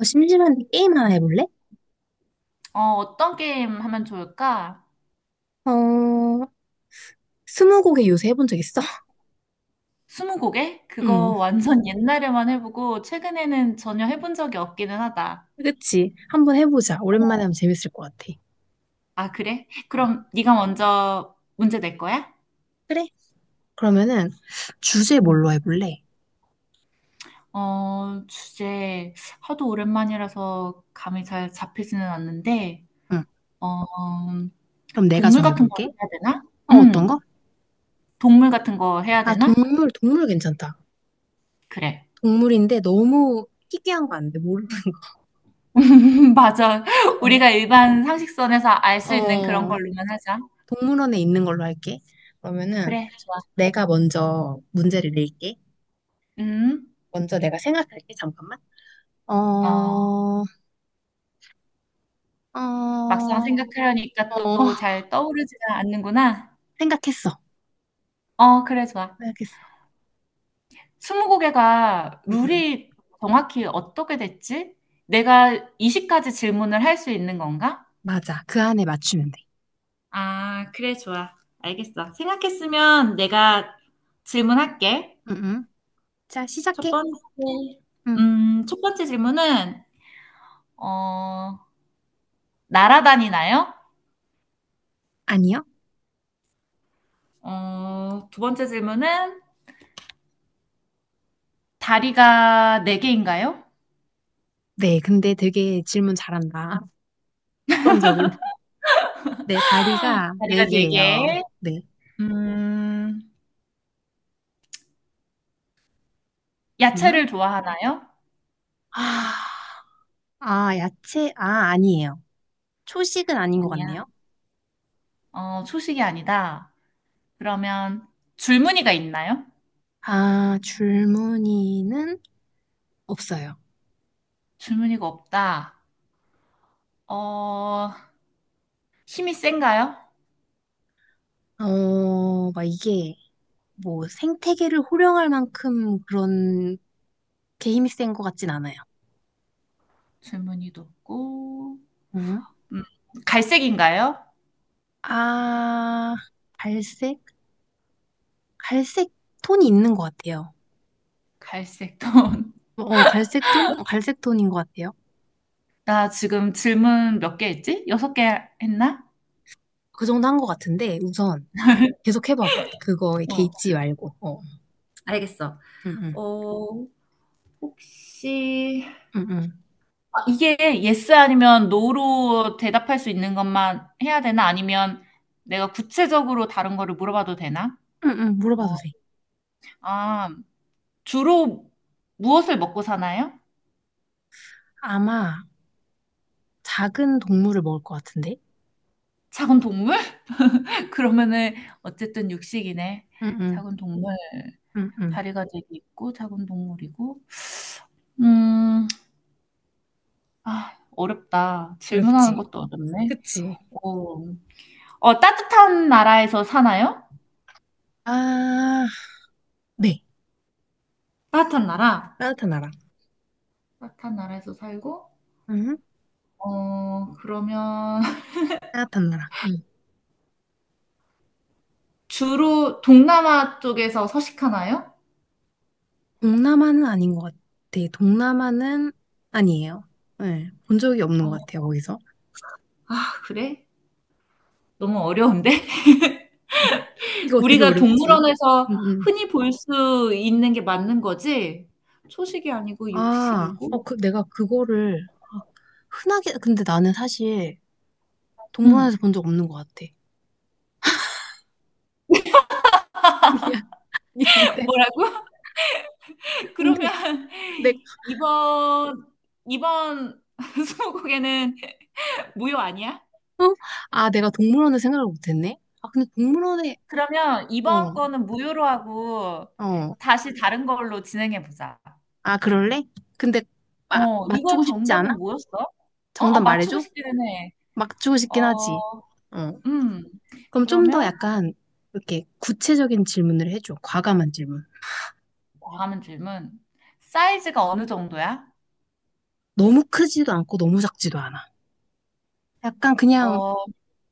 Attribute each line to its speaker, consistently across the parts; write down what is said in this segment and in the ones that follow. Speaker 1: 심심한데 게임 하나 해볼래?
Speaker 2: 어, 어떤 게임 하면 좋을까?
Speaker 1: 어, 스무고개 요새 해본 적 있어?
Speaker 2: 스무고개?
Speaker 1: 응,
Speaker 2: 그거 완전 옛날에만 해보고 최근에는 전혀 해본 적이 없기는 하다.
Speaker 1: 그치. 한번 해보자. 오랜만에 하면 재밌을 것 같아.
Speaker 2: 아, 그래?
Speaker 1: 어,
Speaker 2: 그럼 네가 먼저 문제 낼 거야?
Speaker 1: 그래. 그러면은 주제
Speaker 2: 응.
Speaker 1: 뭘로 해볼래?
Speaker 2: 어, 주제 하도 오랜만이라서 감이 잘 잡히지는 않는데,
Speaker 1: 응,
Speaker 2: 어,
Speaker 1: 그럼 내가
Speaker 2: 동물 같은 걸
Speaker 1: 정해볼게.
Speaker 2: 해야 되나?
Speaker 1: 어, 어떤
Speaker 2: 응,
Speaker 1: 거?
Speaker 2: 동물 같은 거 해야
Speaker 1: 아,
Speaker 2: 되나?
Speaker 1: 동물 괜찮다.
Speaker 2: 그래.
Speaker 1: 동물인데 너무 희귀한 거 안 돼. 모르
Speaker 2: 맞아. 우리가 일반 상식선에서 알
Speaker 1: 어,
Speaker 2: 수 있는 그런
Speaker 1: 어,
Speaker 2: 걸로만 하자.
Speaker 1: 동물원에 있는 걸로 할게. 그러면은
Speaker 2: 그래, 좋아.
Speaker 1: 내가 먼저 문제를 낼게.
Speaker 2: 음.
Speaker 1: 먼저 내가 생각할게. 잠깐만. 어,
Speaker 2: 어,
Speaker 1: 어,
Speaker 2: 막상
Speaker 1: 어.
Speaker 2: 생각하려니까 또 잘 떠오르지가 않는구나.
Speaker 1: 생각했어.
Speaker 2: 어, 그래, 좋아.
Speaker 1: 생각했어.
Speaker 2: 스무고개가
Speaker 1: 응, 응.
Speaker 2: 룰이 정확히 어떻게 됐지? 내가 20가지 질문을 할 수 있는 건가?
Speaker 1: 맞아. 그 안에 맞추면 돼.
Speaker 2: 아, 그래, 좋아. 알겠어. 생각했으면 내가 질문할게.
Speaker 1: 응, 응. 자,
Speaker 2: 첫
Speaker 1: 시작해.
Speaker 2: 번째,
Speaker 1: 응.
Speaker 2: 첫 번째 질문은, 어, 날아다니나요?
Speaker 1: 아니요?
Speaker 2: 어, 두 번째 질문은 다리가 네개인가요?
Speaker 1: 네, 근데 되게 질문 잘한다. 습관적으로. 네, 다리가 네
Speaker 2: 다리가
Speaker 1: 개예요.
Speaker 2: 네개.
Speaker 1: 네.
Speaker 2: 음,
Speaker 1: 응?
Speaker 2: 야채를 좋아하나요?
Speaker 1: 아, 아, 야채? 아, 아니에요. 초식은 아닌 것
Speaker 2: 아니야.
Speaker 1: 같네요.
Speaker 2: 어, 초식이 아니다. 그러면 줄무늬가 있나요?
Speaker 1: 아, 줄무늬는 없어요.
Speaker 2: 줄무늬가 없다. 어, 힘이 센가요?
Speaker 1: 막 이게 뭐 생태계를 호령할 만큼 그런 게 힘이 센 것 같진 않아요.
Speaker 2: 줄무늬도 없고.
Speaker 1: 응?
Speaker 2: 음, 갈색인가요?
Speaker 1: 아, 갈색? 갈색 톤이 있는 것 같아요.
Speaker 2: 갈색도.
Speaker 1: 어, 갈색 톤? 어, 갈색 톤인 것 같아요.
Speaker 2: 나 지금 질문 몇 개 했지? 여섯 개 했나?
Speaker 1: 그 정도 한 것 같은데, 우선 계속 해봐봐. 그거에
Speaker 2: 어.
Speaker 1: 개의치 말고.
Speaker 2: 알겠어.
Speaker 1: 응, 응,
Speaker 2: 어, 혹시
Speaker 1: 응, 응,
Speaker 2: 이게 yes 아니면 no로 대답할 수 있는 것만 해야 되나? 아니면 내가 구체적으로 다른 거를 물어봐도 되나?
Speaker 1: 응, 물어봐도
Speaker 2: 뭐,
Speaker 1: 돼.
Speaker 2: 아, 주로 무엇을 먹고 사나요?
Speaker 1: 아마 작은 동물을 먹을 것 같은데?
Speaker 2: 작은 동물? 그러면은 어쨌든 육식이네.
Speaker 1: 응, 응,
Speaker 2: 작은 동물.
Speaker 1: 응, 응.
Speaker 2: 다리가 되게 있고 작은 동물이고. 음, 아, 어렵다. 질문하는
Speaker 1: 어렵지.
Speaker 2: 것도 어렵네.
Speaker 1: 그치?
Speaker 2: 어, 어, 따뜻한 나라에서 사나요?
Speaker 1: 아, 네.
Speaker 2: 따뜻한 나라.
Speaker 1: 따뜻한 나라.
Speaker 2: 따뜻한 나라에서 살고,
Speaker 1: 응? 응.
Speaker 2: 어, 그러면
Speaker 1: 따뜻한 나라. 응.
Speaker 2: 주로 동남아 쪽에서 서식하나요?
Speaker 1: 동남아는 아닌 것 같아. 동남아는 아니에요. 네, 본 적이 없는
Speaker 2: 어,
Speaker 1: 것 같아요, 거기서.
Speaker 2: 그래? 너무 어려운데?
Speaker 1: 이거 되게
Speaker 2: 우리가
Speaker 1: 어렵지.
Speaker 2: 동물원에서
Speaker 1: 응, 응.
Speaker 2: 흔히 볼 수 있는 게 맞는 거지? 초식이 아니고
Speaker 1: 아,
Speaker 2: 육식이고?
Speaker 1: 내가 그거를, 아, 흔하게, 근데 나는 사실
Speaker 2: 응.
Speaker 1: 동물원에서 본 적 없는 것 같아. 미안. 아니, 근데,
Speaker 2: 뭐라고?
Speaker 1: 근데,
Speaker 2: 그러면
Speaker 1: 내
Speaker 2: 이번, 이번 스무고개는 무효 아니야?
Speaker 1: 어? 아, 내가 동물원을 생각을 못했네? 아, 근데 동물원에,
Speaker 2: 그러면
Speaker 1: 어,
Speaker 2: 이번 거는 무효로 하고
Speaker 1: 어.
Speaker 2: 다시 다른 걸로 진행해 보자.
Speaker 1: 아, 그럴래? 근데,
Speaker 2: 어, 이거
Speaker 1: 맞추고 싶지
Speaker 2: 정답은
Speaker 1: 않아?
Speaker 2: 뭐였어? 어,
Speaker 1: 정답
Speaker 2: 어, 맞추고
Speaker 1: 말해줘?
Speaker 2: 싶기는 해.
Speaker 1: 맞추고 싶긴 하지.
Speaker 2: 어,
Speaker 1: 어.
Speaker 2: 음,
Speaker 1: 그럼 좀 더
Speaker 2: 그러면
Speaker 1: 약간, 이렇게 구체적인 질문을 해줘. 과감한 질문.
Speaker 2: 다음 질문. 사이즈가 어느 정도야?
Speaker 1: 너무 크지도 않고 너무 작지도 않아. 약간 그냥
Speaker 2: 어,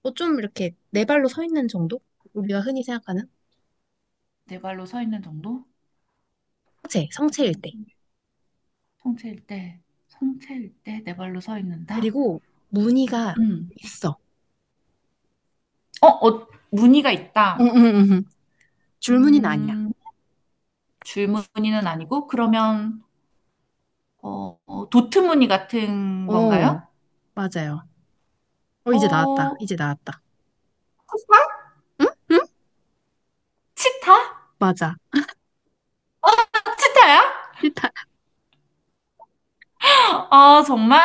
Speaker 1: 뭐 좀 이렇게 네 발로 서 있는 정도? 우리가 흔히 생각하는
Speaker 2: 네 발로 서 있는 정도? 네
Speaker 1: 성체일
Speaker 2: 발로 서
Speaker 1: 때.
Speaker 2: 있는 성체일 때, 성체일 때 네 발로 서 있는다?
Speaker 1: 그리고 무늬가
Speaker 2: 음.
Speaker 1: 있어.
Speaker 2: 어, 어, 무늬가 있다.
Speaker 1: 응. 줄무늬는 아니야.
Speaker 2: 음, 줄 무늬는 아니고, 그러면, 어, 어, 도트 무늬 같은
Speaker 1: 어,
Speaker 2: 건가요?
Speaker 1: 맞아요.
Speaker 2: 어,
Speaker 1: 이제 나왔다.
Speaker 2: 치타?
Speaker 1: 응? 응?
Speaker 2: 치타?
Speaker 1: 맞아.
Speaker 2: 치타야?
Speaker 1: 일단
Speaker 2: 아, 정말?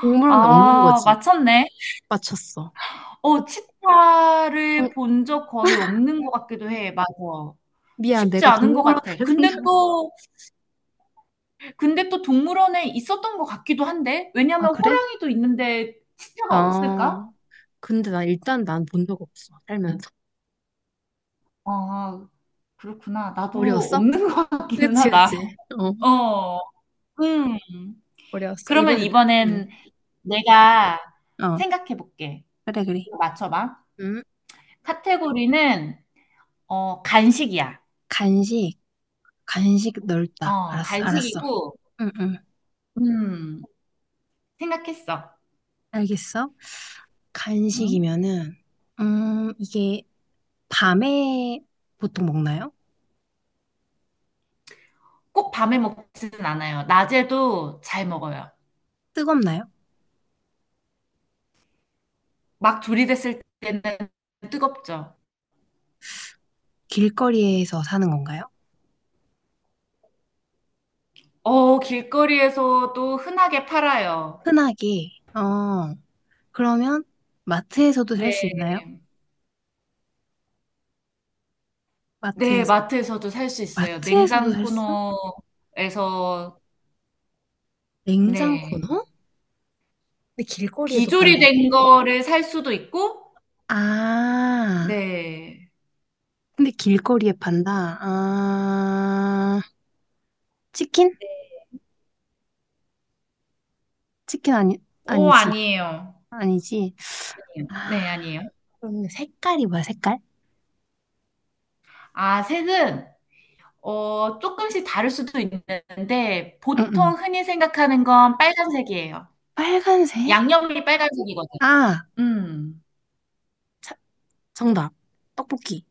Speaker 1: 동물원에 없는
Speaker 2: 아,
Speaker 1: 거지.
Speaker 2: 맞췄네.
Speaker 1: 맞췄어.
Speaker 2: 어,
Speaker 1: 근데
Speaker 2: 치타를
Speaker 1: 동-
Speaker 2: 본 적 거의 없는 것 같기도 해. 맞아.
Speaker 1: 미안,
Speaker 2: 쉽지
Speaker 1: 내가
Speaker 2: 않은 것
Speaker 1: 동물원을
Speaker 2: 같아. 근데
Speaker 1: 생각.
Speaker 2: 또, 근데 또 동물원에 있었던 것 같기도 한데?
Speaker 1: 아,
Speaker 2: 왜냐면
Speaker 1: 그래?
Speaker 2: 호랑이도 있는데 치타가
Speaker 1: 아,
Speaker 2: 없을까?
Speaker 1: 근데 나 일단 난 본 적 없어. 살면서.
Speaker 2: 아, 그렇구나. 나도
Speaker 1: 어려웠어?
Speaker 2: 없는 것 같기는
Speaker 1: 그치,
Speaker 2: 하다.
Speaker 1: 그치.
Speaker 2: 어, 음.
Speaker 1: 어려웠어.
Speaker 2: 그러면
Speaker 1: 이번에. 응.
Speaker 2: 이번엔 내가
Speaker 1: 어,
Speaker 2: 생각해 볼게.
Speaker 1: 그래, 그래.
Speaker 2: 맞춰봐.
Speaker 1: 음.
Speaker 2: 카테고리는, 어, 간식이야.
Speaker 1: 간식, 간식 넓다.
Speaker 2: 어,
Speaker 1: 알았어, 알았어.
Speaker 2: 간식이고,
Speaker 1: 응, 응.
Speaker 2: 음, 생각했어.
Speaker 1: 알겠어.
Speaker 2: 응?
Speaker 1: 간식이면은, 이게 밤에 보통 먹나요?
Speaker 2: 꼭 밤에 먹지는 않아요. 낮에도 잘 먹어요.
Speaker 1: 뜨겁나요?
Speaker 2: 막 조리됐을 때는 뜨겁죠.
Speaker 1: 길거리에서 사는 건가요?
Speaker 2: 어, 길거리에서도 흔하게 팔아요.
Speaker 1: 흔하게, 어, 그러면 마트에서도
Speaker 2: 네,
Speaker 1: 살 수 있나요?
Speaker 2: 네,
Speaker 1: 마트에서?
Speaker 2: 마트에서도 살 수 있어요.
Speaker 1: 마트에서도
Speaker 2: 냉장
Speaker 1: 살 수?
Speaker 2: 코너에서,
Speaker 1: 냉장
Speaker 2: 네.
Speaker 1: 코너? 근데 길거리에도 판다고?
Speaker 2: 비조리된 거를 살 수도 있고,
Speaker 1: 아,
Speaker 2: 네.
Speaker 1: 근데 길거리에 판다. 아, 치킨? 치킨 아니,
Speaker 2: 오,
Speaker 1: 아니지.
Speaker 2: 아니에요.
Speaker 1: 아니지. 아,
Speaker 2: 네, 아니에요.
Speaker 1: 그럼 색깔?
Speaker 2: 아, 색은, 어, 조금씩 다를 수도 있는데,
Speaker 1: 응응.
Speaker 2: 보통 흔히 생각하는 건 빨간색이에요.
Speaker 1: 빨간색?
Speaker 2: 양념이 빨간색이거든.
Speaker 1: 아,
Speaker 2: 음.
Speaker 1: 자, 정답. 떡볶이.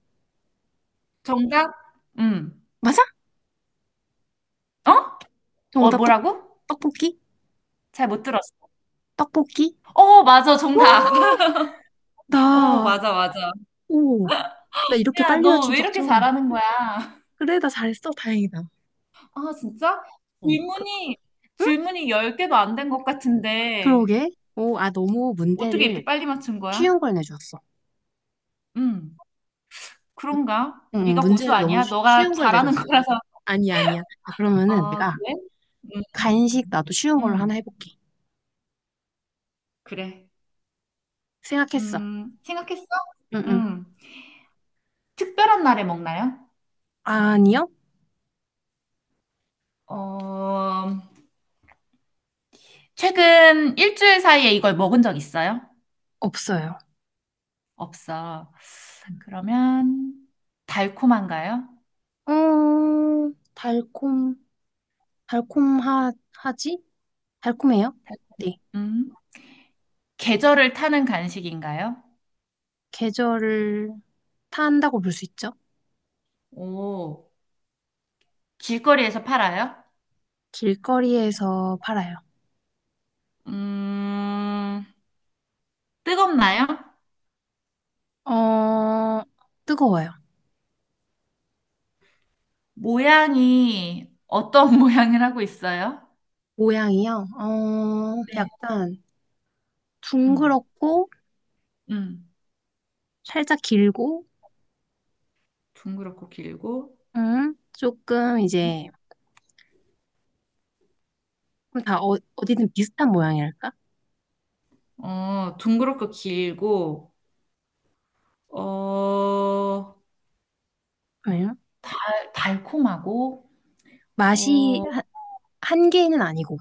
Speaker 2: 정답? 음.
Speaker 1: 맞아?
Speaker 2: 어? 어,
Speaker 1: 정답,
Speaker 2: 뭐라고?
Speaker 1: 떡볶이?
Speaker 2: 잘 못 들었어.
Speaker 1: 떡볶이?
Speaker 2: 어, 맞아,
Speaker 1: 와,
Speaker 2: 정답. 어,
Speaker 1: 나,
Speaker 2: 맞아, 맞아.
Speaker 1: 오, 나 이렇게
Speaker 2: 야,
Speaker 1: 빨리
Speaker 2: 너
Speaker 1: 맞춘
Speaker 2: 왜
Speaker 1: 적
Speaker 2: 이렇게
Speaker 1: 처음이야.
Speaker 2: 잘하는 거야?
Speaker 1: 그래, 나 잘했어. 다행이다.
Speaker 2: 아, 진짜?
Speaker 1: 어, 그,
Speaker 2: 질문이,
Speaker 1: 응?
Speaker 2: 질문이 10개도 안 된 것 같은데,
Speaker 1: 그러게. 너무
Speaker 2: 어떻게
Speaker 1: 문제를
Speaker 2: 이렇게 빨리 맞춘 거야?
Speaker 1: 쉬운 걸 내줬어.
Speaker 2: 음.
Speaker 1: 음,
Speaker 2: 그런가? 네가 고수
Speaker 1: 문제를 너무
Speaker 2: 아니야? 너가
Speaker 1: 쉬운 걸
Speaker 2: 잘하는
Speaker 1: 내줬어.
Speaker 2: 거라서.
Speaker 1: 아니야, 아니야. 아, 그러면은
Speaker 2: 아,
Speaker 1: 내가
Speaker 2: 그래? 음,
Speaker 1: 간식 나도 쉬운 걸로 하나
Speaker 2: 음.
Speaker 1: 해볼게.
Speaker 2: 그래.
Speaker 1: 생각했어.
Speaker 2: 생각했어?
Speaker 1: 응, 응.
Speaker 2: 음. 특별한 날에 먹나요?
Speaker 1: 아니요?
Speaker 2: 어, 최근 일주일 사이에 이걸 먹은 적 있어요?
Speaker 1: 없어요.
Speaker 2: 없어. 그러면 달콤한가요?
Speaker 1: 어, 달콤, 달콤하, 하지? 달콤해요? 네.
Speaker 2: 음. 계절을 타는 간식인가요?
Speaker 1: 계절을 탄다고 볼 수 있죠?
Speaker 2: 오, 길거리에서 팔아요?
Speaker 1: 길거리에서 팔아요.
Speaker 2: 음, 뜨겁나요?
Speaker 1: 어, 뜨거워요.
Speaker 2: 모양이 어떤 모양을 하고 있어요?
Speaker 1: 모양이요? 어,
Speaker 2: 네.
Speaker 1: 약간
Speaker 2: 음,
Speaker 1: 둥그렇고,
Speaker 2: 음.
Speaker 1: 살짝 길고,
Speaker 2: 둥그렇고 길고,
Speaker 1: 조금 이제, 그럼 다 어디든 비슷한 모양이랄까?
Speaker 2: 어, 둥그렇고 길고, 어,
Speaker 1: 음,
Speaker 2: 달콤하고,
Speaker 1: 맛이
Speaker 2: 어,
Speaker 1: 한, 1개는 아니고,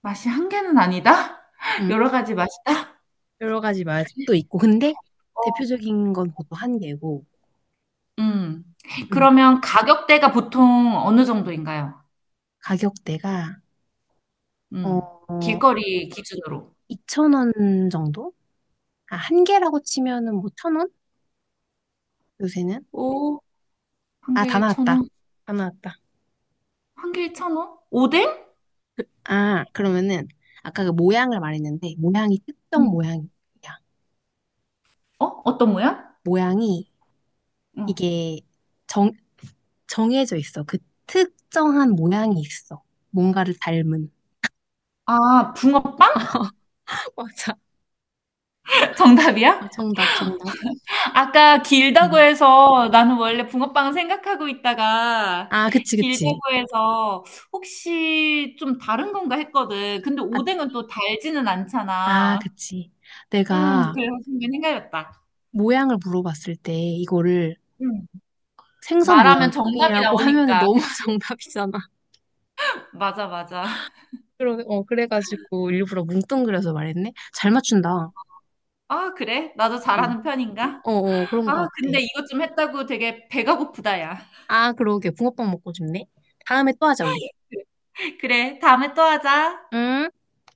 Speaker 2: 맛이 한 개는 아니다?
Speaker 1: 음.
Speaker 2: 여러 가지 맛이다?
Speaker 1: 여러 가지 맛도 있고 근데 대표적인 건 보통 1개고
Speaker 2: 음.
Speaker 1: 음.
Speaker 2: 그러면 가격대가 보통 어느 정도인가요?
Speaker 1: 가격대가
Speaker 2: 음.
Speaker 1: 어
Speaker 2: 길거리 기준으로.
Speaker 1: 2천 원 정도? 아, 한 개라고 치면은 뭐 1,000원? 요새는?
Speaker 2: 오, 한
Speaker 1: 아,
Speaker 2: 개에 천 원
Speaker 1: 다 나왔다.
Speaker 2: 한 개에 천 원 오뎅?
Speaker 1: 아, 그러면은 아까 그 모양을 말했는데 모양이 특정
Speaker 2: 음.
Speaker 1: 모양이야.
Speaker 2: 어? 어떤 모양?
Speaker 1: 모양이
Speaker 2: 음.
Speaker 1: 이게 정 정해져 있어. 그 특정한 모양이 있어. 뭔가를 닮은.
Speaker 2: 아, 붕어빵?
Speaker 1: 맞아. 아,
Speaker 2: 정답이야?
Speaker 1: 정답.
Speaker 2: 아까 길다고
Speaker 1: 응.
Speaker 2: 해서 나는 원래 붕어빵 생각하고 있다가
Speaker 1: 아, 그치,
Speaker 2: 길다고
Speaker 1: 그치.
Speaker 2: 해서 혹시 좀 다른 건가 했거든. 근데
Speaker 1: 아,
Speaker 2: 오뎅은 또 달지는
Speaker 1: 아,
Speaker 2: 않잖아.
Speaker 1: 그치. 내가
Speaker 2: 그래 순간 헷갈렸다.
Speaker 1: 모양을 물어봤을 때 이거를
Speaker 2: 음.
Speaker 1: 생선
Speaker 2: 말하면 정답이
Speaker 1: 모양이라고 하면은
Speaker 2: 나오니까,
Speaker 1: 너무
Speaker 2: 그치?
Speaker 1: 정답이잖아.
Speaker 2: 맞아, 맞아.
Speaker 1: 그래가지고 일부러 뭉뚱그려서 말했네. 잘 맞춘다.
Speaker 2: 아, 그래? 나도
Speaker 1: 응.
Speaker 2: 잘하는 편인가?
Speaker 1: 그런 것
Speaker 2: 아,
Speaker 1: 같아.
Speaker 2: 근데 이것 좀 했다고 되게 배가 고프다, 야.
Speaker 1: 아, 그러게. 붕어빵 먹고 싶네. 다음에 또 하자, 우리.
Speaker 2: 그래, 다음에 또 하자.
Speaker 1: 응?